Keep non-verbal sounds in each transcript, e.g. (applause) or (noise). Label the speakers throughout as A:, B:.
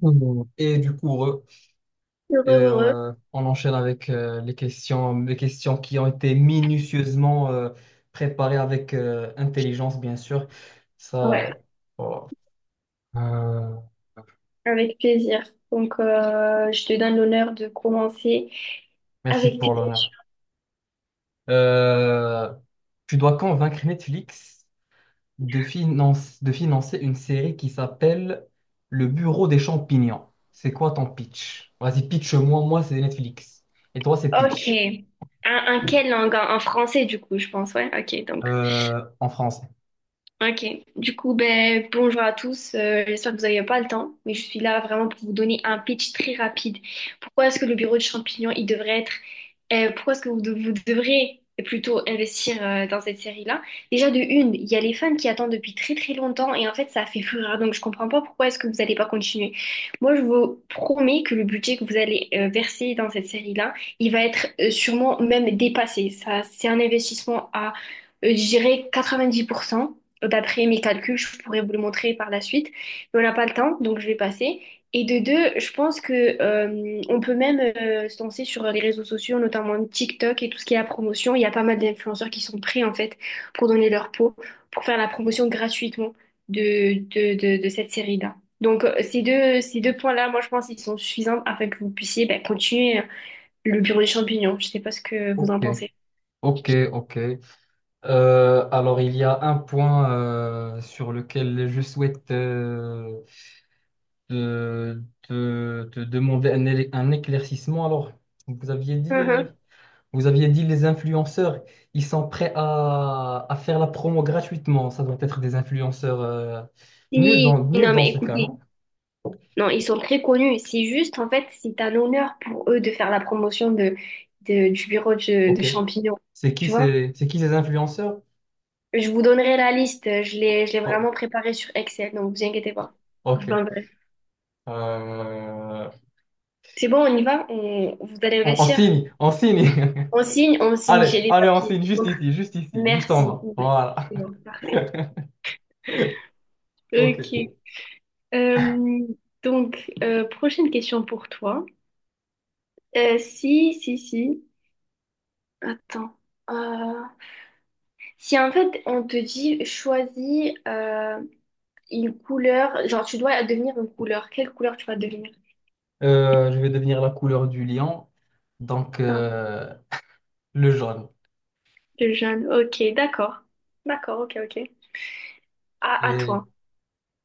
A: Mhm. Et du coup,
B: Heureux, heureux.
A: on enchaîne avec les questions qui ont été minutieusement préparées avec intelligence, bien sûr.
B: Ouais,
A: Ça, voilà. Euh,
B: avec plaisir. Donc, je te donne l'honneur de commencer
A: Merci
B: avec tes
A: pour l'honneur.
B: questions.
A: Euh, Tu dois convaincre Netflix de financer une série qui s'appelle Le Bureau des champignons. C'est quoi ton pitch? Vas-y, pitch-moi. Moi, c'est Netflix. Et toi, c'est
B: Ok.
A: pitch.
B: Un en quelle langue? En français, du coup, je pense. Ouais, ok. Donc,
A: En français.
B: ok, du coup, ben, bonjour à tous. J'espère que vous n'avez pas le temps, mais je suis là vraiment pour vous donner un pitch très rapide. Pourquoi est-ce que le bureau de champignons, il devrait être, pourquoi est-ce que vous devrez plutôt investir dans cette série-là? Déjà, de une, il y a les fans qui attendent depuis très très longtemps et en fait, ça fait fureur, donc je comprends pas pourquoi est-ce que vous n'allez pas continuer. Moi, je vous promets que le budget que vous allez verser dans cette série-là, il va être sûrement même dépassé. Ça, c'est un investissement à, je dirais, 90% d'après mes calculs, je pourrais vous le montrer par la suite, mais on n'a pas le temps, donc je vais passer. Et de deux, je pense que on peut même se lancer sur les réseaux sociaux, notamment TikTok et tout ce qui est la promotion. Il y a pas mal d'influenceurs qui sont prêts en fait pour donner leur peau, pour faire la promotion gratuitement de cette série-là. Donc, ces deux points-là, moi je pense qu'ils sont suffisants afin que vous puissiez ben, continuer le bureau des champignons. Je sais pas ce que vous en
A: Ok.
B: pensez.
A: Ok, ok. Alors, il y a un point sur lequel je souhaite te demander un éclaircissement. Alors, vous aviez dit, euh,
B: Mhm.
A: vous aviez dit les influenceurs, ils sont prêts à faire la promo gratuitement. Ça doit être des influenceurs
B: Si,
A: nuls
B: non
A: dans
B: mais
A: ce cas,
B: écoutez.
A: non?
B: Non, ils sont très connus. C'est juste, en fait, c'est un honneur pour eux de faire la promotion du bureau de
A: Ok.
B: champignons. Tu vois?
A: C'est qui ces influenceurs?
B: Je vous donnerai la liste. Je l'ai
A: Oh,
B: vraiment préparée sur Excel, donc vous inquiétez pas. Je
A: ok.
B: vous l'enverrai.
A: Euh,
B: C'est bon, on y va? On, vous allez
A: on
B: investir?
A: signe, on signe. (laughs)
B: On signe? On signe.
A: Allez,
B: J'ai les
A: allez, on
B: papiers.
A: signe juste ici, juste ici, juste en
B: Merci.
A: bas. Voilà.
B: C'est bon, parfait.
A: (laughs) Ok.
B: Ok. Euh, donc, prochaine question pour toi. Si, si, si. Attends. Euh, Si en fait on te dit choisis une couleur, genre tu dois devenir une couleur, quelle couleur tu vas devenir?
A: Je vais devenir la couleur du lion, donc
B: Ah,
A: le jaune.
B: le jaune. Ok, d'accord. D'accord, ok, ok. À
A: Et,
B: toi.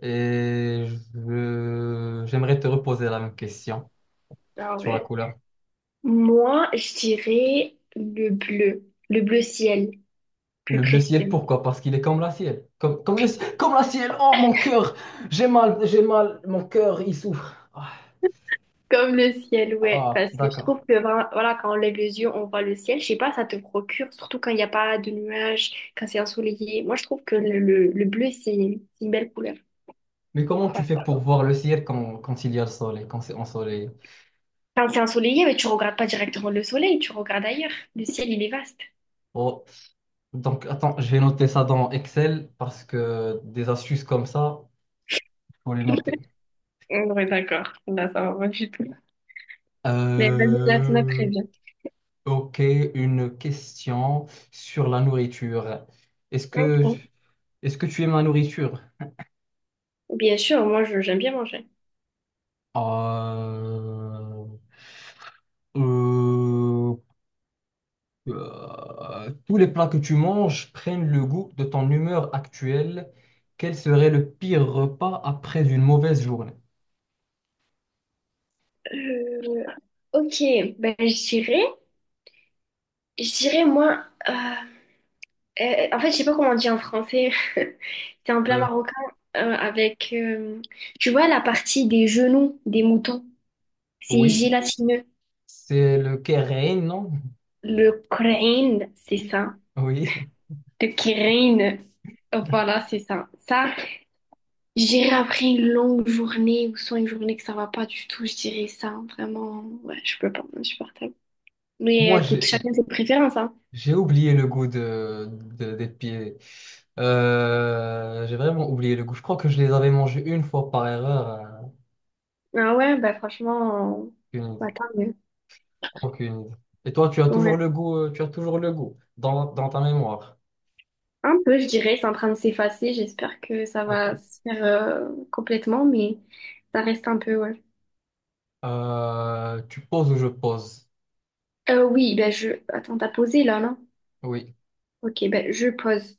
A: et j'aimerais te reposer la même question
B: Ah
A: sur la
B: ouais.
A: couleur.
B: Moi, je dirais le bleu ciel, plus
A: Le bleu ciel,
B: précisément.
A: pourquoi? Parce qu'il est comme la ciel. Comme la ciel. Oh, mon cœur! J'ai mal. Mon cœur, il souffre. Ah,
B: Comme le ciel, ouais.
A: ah,
B: Parce que je
A: d'accord.
B: trouve que voilà, quand on lève les yeux, on voit le ciel. Je sais pas, ça te procure, surtout quand il n'y a pas de nuages, quand c'est ensoleillé. Moi, je trouve que le bleu, c'est une belle couleur.
A: Mais comment tu fais
B: Voilà.
A: pour voir le ciel quand il y a le soleil, quand c'est ensoleillé?
B: Quand c'est ensoleillé, mais tu regardes pas directement le soleil, tu regardes ailleurs. Le ciel, il est vaste.
A: Oh. Donc, attends, je vais noter ça dans Excel parce que des astuces comme ça, il faut les noter.
B: Oui, d'accord. Là, ça va pas du tout. Mais vas-y, là, t'en as très
A: Euh,
B: bien.
A: ok, une question sur la nourriture. Est-ce que,
B: Ok.
A: est-ce que tu aimes la nourriture?
B: Bien sûr, moi, j'aime bien manger.
A: Euh, euh, Tous les plats que tu manges prennent le goût de ton humeur actuelle. Quel serait le pire repas après une mauvaise journée?
B: Euh, ok, ben, je dirais, moi, en fait, je sais pas comment on dit en français. (laughs) C'est un plat
A: Euh,
B: marocain avec, tu vois, la partie des genoux des moutons. C'est
A: oui,
B: gélatineux.
A: c'est le kérén, non?
B: Le crâne, c'est ça.
A: (laughs) Oui.
B: Le crâne, voilà, c'est ça. Ça, je dirais après une longue journée ou soit une journée que ça va pas du tout, je dirais ça. Vraiment, ouais, je peux pas, je suis partable. Mais
A: Moi,
B: écoute, chacun ses préférences, hein.
A: j'ai oublié le goût de, des pieds. J'ai vraiment oublié le goût. Je crois que je les avais mangés une fois par erreur.
B: Ah ouais, bah franchement,
A: Aucune idée.
B: bah tant mieux.
A: Aucune idée. Et toi, tu as toujours
B: Ouais.
A: le goût, tu as toujours le goût dans, dans ta mémoire.
B: Un peu, je dirais, c'est en train de s'effacer. J'espère que ça
A: Ok.
B: va se faire complètement, mais ça reste un peu, ouais.
A: Tu poses ou je pose?
B: Oui, bah je... Attends, t'as posé là, non?
A: Oui.
B: Ok, ben je pose.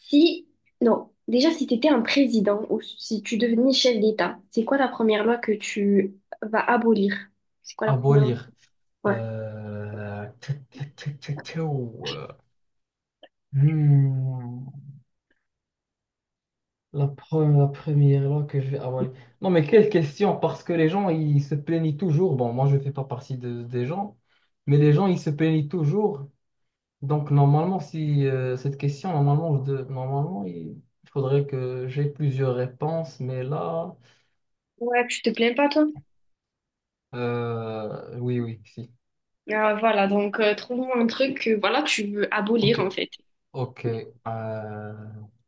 B: Si, non, déjà si tu étais un président ou si tu devenais chef d'État, c'est quoi la première loi que tu vas abolir? C'est quoi la première loi?
A: Abolir.
B: Ouais.
A: Tic, tic, tic, tic, tic, ou, hmm. La première là que je vais avaler. Non, mais quelle question, parce que les gens, ils se plaignent toujours. Bon, moi, je ne fais pas partie des gens, mais les gens, ils se plaignent toujours. Donc, normalement, si cette question, normalement, normalement, il faudrait que j'ai plusieurs réponses, mais là,
B: Ouais, tu te plains pas, toi?
A: oui, oui, si.
B: Ah, voilà, donc trouve-moi un truc que, voilà, que tu veux
A: Ok,
B: abolir en fait.
A: ok.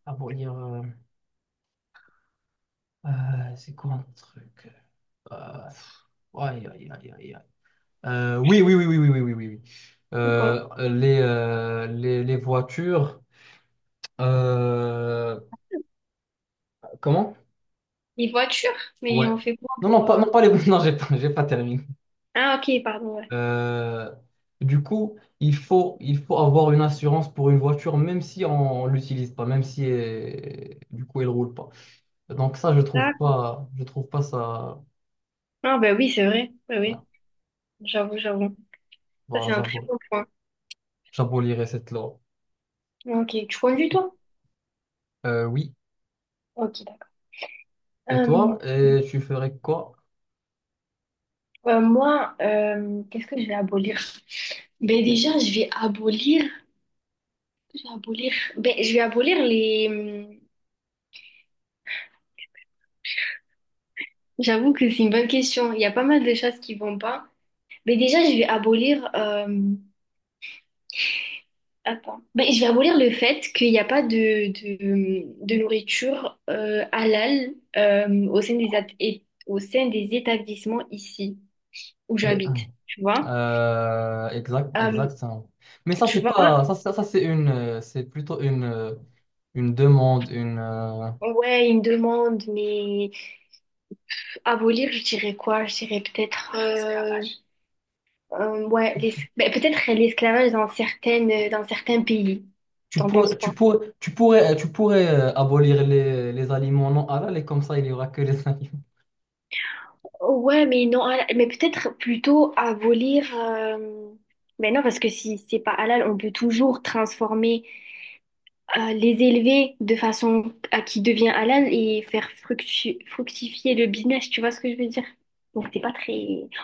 A: Ah bon, c'est quoi un truc? Euh, pff, aïe, aïe, aïe, aïe, aïe. Oui, oui, oui, oui, oui, oui, oui, oui, oui.
B: C'est quoi?
A: Les voitures. euh, Comment?
B: Les voitures? Mais
A: Ouais.
B: on fait quoi
A: Non,
B: pour...
A: non, pas les. (laughs) Non, j'ai pas terminé.
B: ah ok, pardon, ouais.
A: Euh, du coup, il faut avoir une assurance pour une voiture, même si on l'utilise pas, même si elle- du coup elle roule pas. Donc ça,
B: Là-
A: je trouve pas ça.
B: ah ben oui, c'est vrai. Oui,
A: Ouais.
B: oui, j'avoue. Ça,
A: Voilà,
B: c'est un très bon point.
A: j'abolirai cette loi.
B: Ok, tu conduis toi?
A: Oui.
B: Ok, d'accord.
A: Et toi, et tu ferais quoi?
B: Moi, qu'est-ce que je vais abolir? Ben déjà, je vais abolir. Je vais abolir. Ben, je vais abolir les. Hmm, j'avoue que c'est une bonne question. Il y a pas mal de choses qui vont pas. Ben déjà, je vais abolir. Attends. Ben, je vais abolir le fait qu'il n'y a pas de nourriture halal au sein des établissements ici où j'habite. Tu vois? Euh,
A: Exactement. Mais ça,
B: tu vois?
A: ça, c'est c'est plutôt une demande, une.
B: Ouais, ils me demandent, mais. Abolir, je dirais quoi? Je dirais peut-être l'esclavage. Ben, peut-être l'esclavage dans certaines dans certains pays. T'en penses quoi?
A: Tu pourrais abolir les aliments non halal et comme ça, il y aura que les (laughs) aliments.
B: Ouais, mais non, halal- mais peut-être plutôt abolir. Mais non, parce que si c'est pas halal, on peut toujours transformer, les élever de façon à qui devient halal et faire fructifier le business. Tu vois ce que je veux dire? Donc c'est pas très.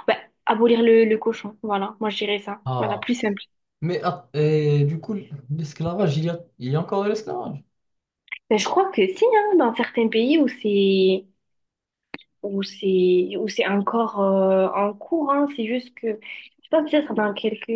B: Ouais, abolir le cochon. Voilà, moi je dirais ça. Voilà,
A: Ah,
B: plus simple.
A: mais ah, et du coup, l'esclavage, il y a encore de l'esclavage.
B: Ben, je crois que si, hein, dans certains pays où c'est encore en cours, hein, c'est juste que je sais pas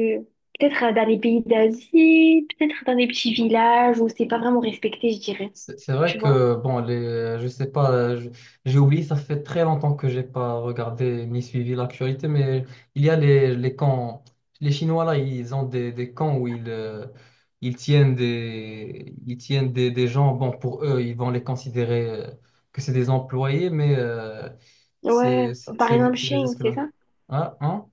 B: peut-être dans les pays d'Asie, peut-être dans des petits villages où c'est pas vraiment respecté, je dirais.
A: C'est vrai
B: Tu vois?
A: que, bon, les, je sais pas, je- j'ai oublié, ça fait très longtemps que j'ai pas regardé ni suivi l'actualité, mais il y a les camps, les Chinois là, ils ont des camps où ils, ils tiennent des gens, bon, pour eux, ils vont les considérer que c'est des employés, mais
B: Ouais,
A: c'est
B: par exemple
A: c'est des
B: Chine, c'est
A: esclaves.
B: ça?
A: Ah, hein?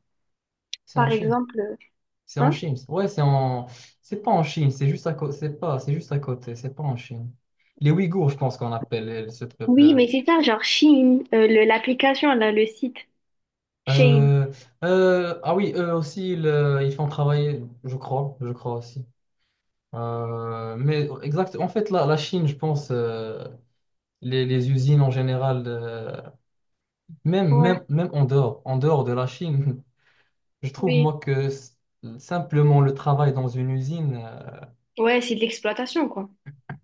A: C'est
B: Par
A: en Chine.
B: exemple,
A: C'est en
B: hein?
A: Chine. Ouais, c'est en. C'est pas en Chine, c'est juste à côté. C'est pas, c'est juste à côté, c'est pas en Chine. Les Ouïghours, je pense qu'on appelle ce
B: Oui,
A: peuple.
B: mais c'est ça, genre Chine, l'application là, le site Chine.
A: Euh, ah oui, eux aussi, ils font travailler, je crois aussi. Mais exact, en fait, la Chine, je pense, les usines en général,
B: Ouais,
A: même en dehors de la Chine, (laughs) je trouve,
B: oui.
A: moi, que simplement le travail dans une usine,
B: Ouais, c'est de l'exploitation quoi.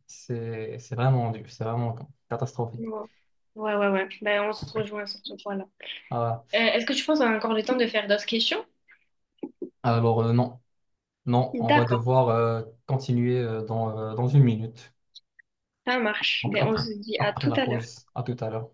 A: c'est vraiment dur, c'est vraiment catastrophique.
B: Ouais, ouais, ouais. Ben, on se rejoint sur ce point-là.
A: Ah ouais.
B: Est-ce que tu penses qu'on a encore le temps de faire d'autres questions?
A: Alors, non, non, on va
B: D'accord,
A: devoir continuer dans une minute.
B: ça marche.
A: Donc,
B: Ben, on
A: après,
B: se dit à
A: après
B: tout
A: la
B: à l'heure.
A: pause, à tout à l'heure.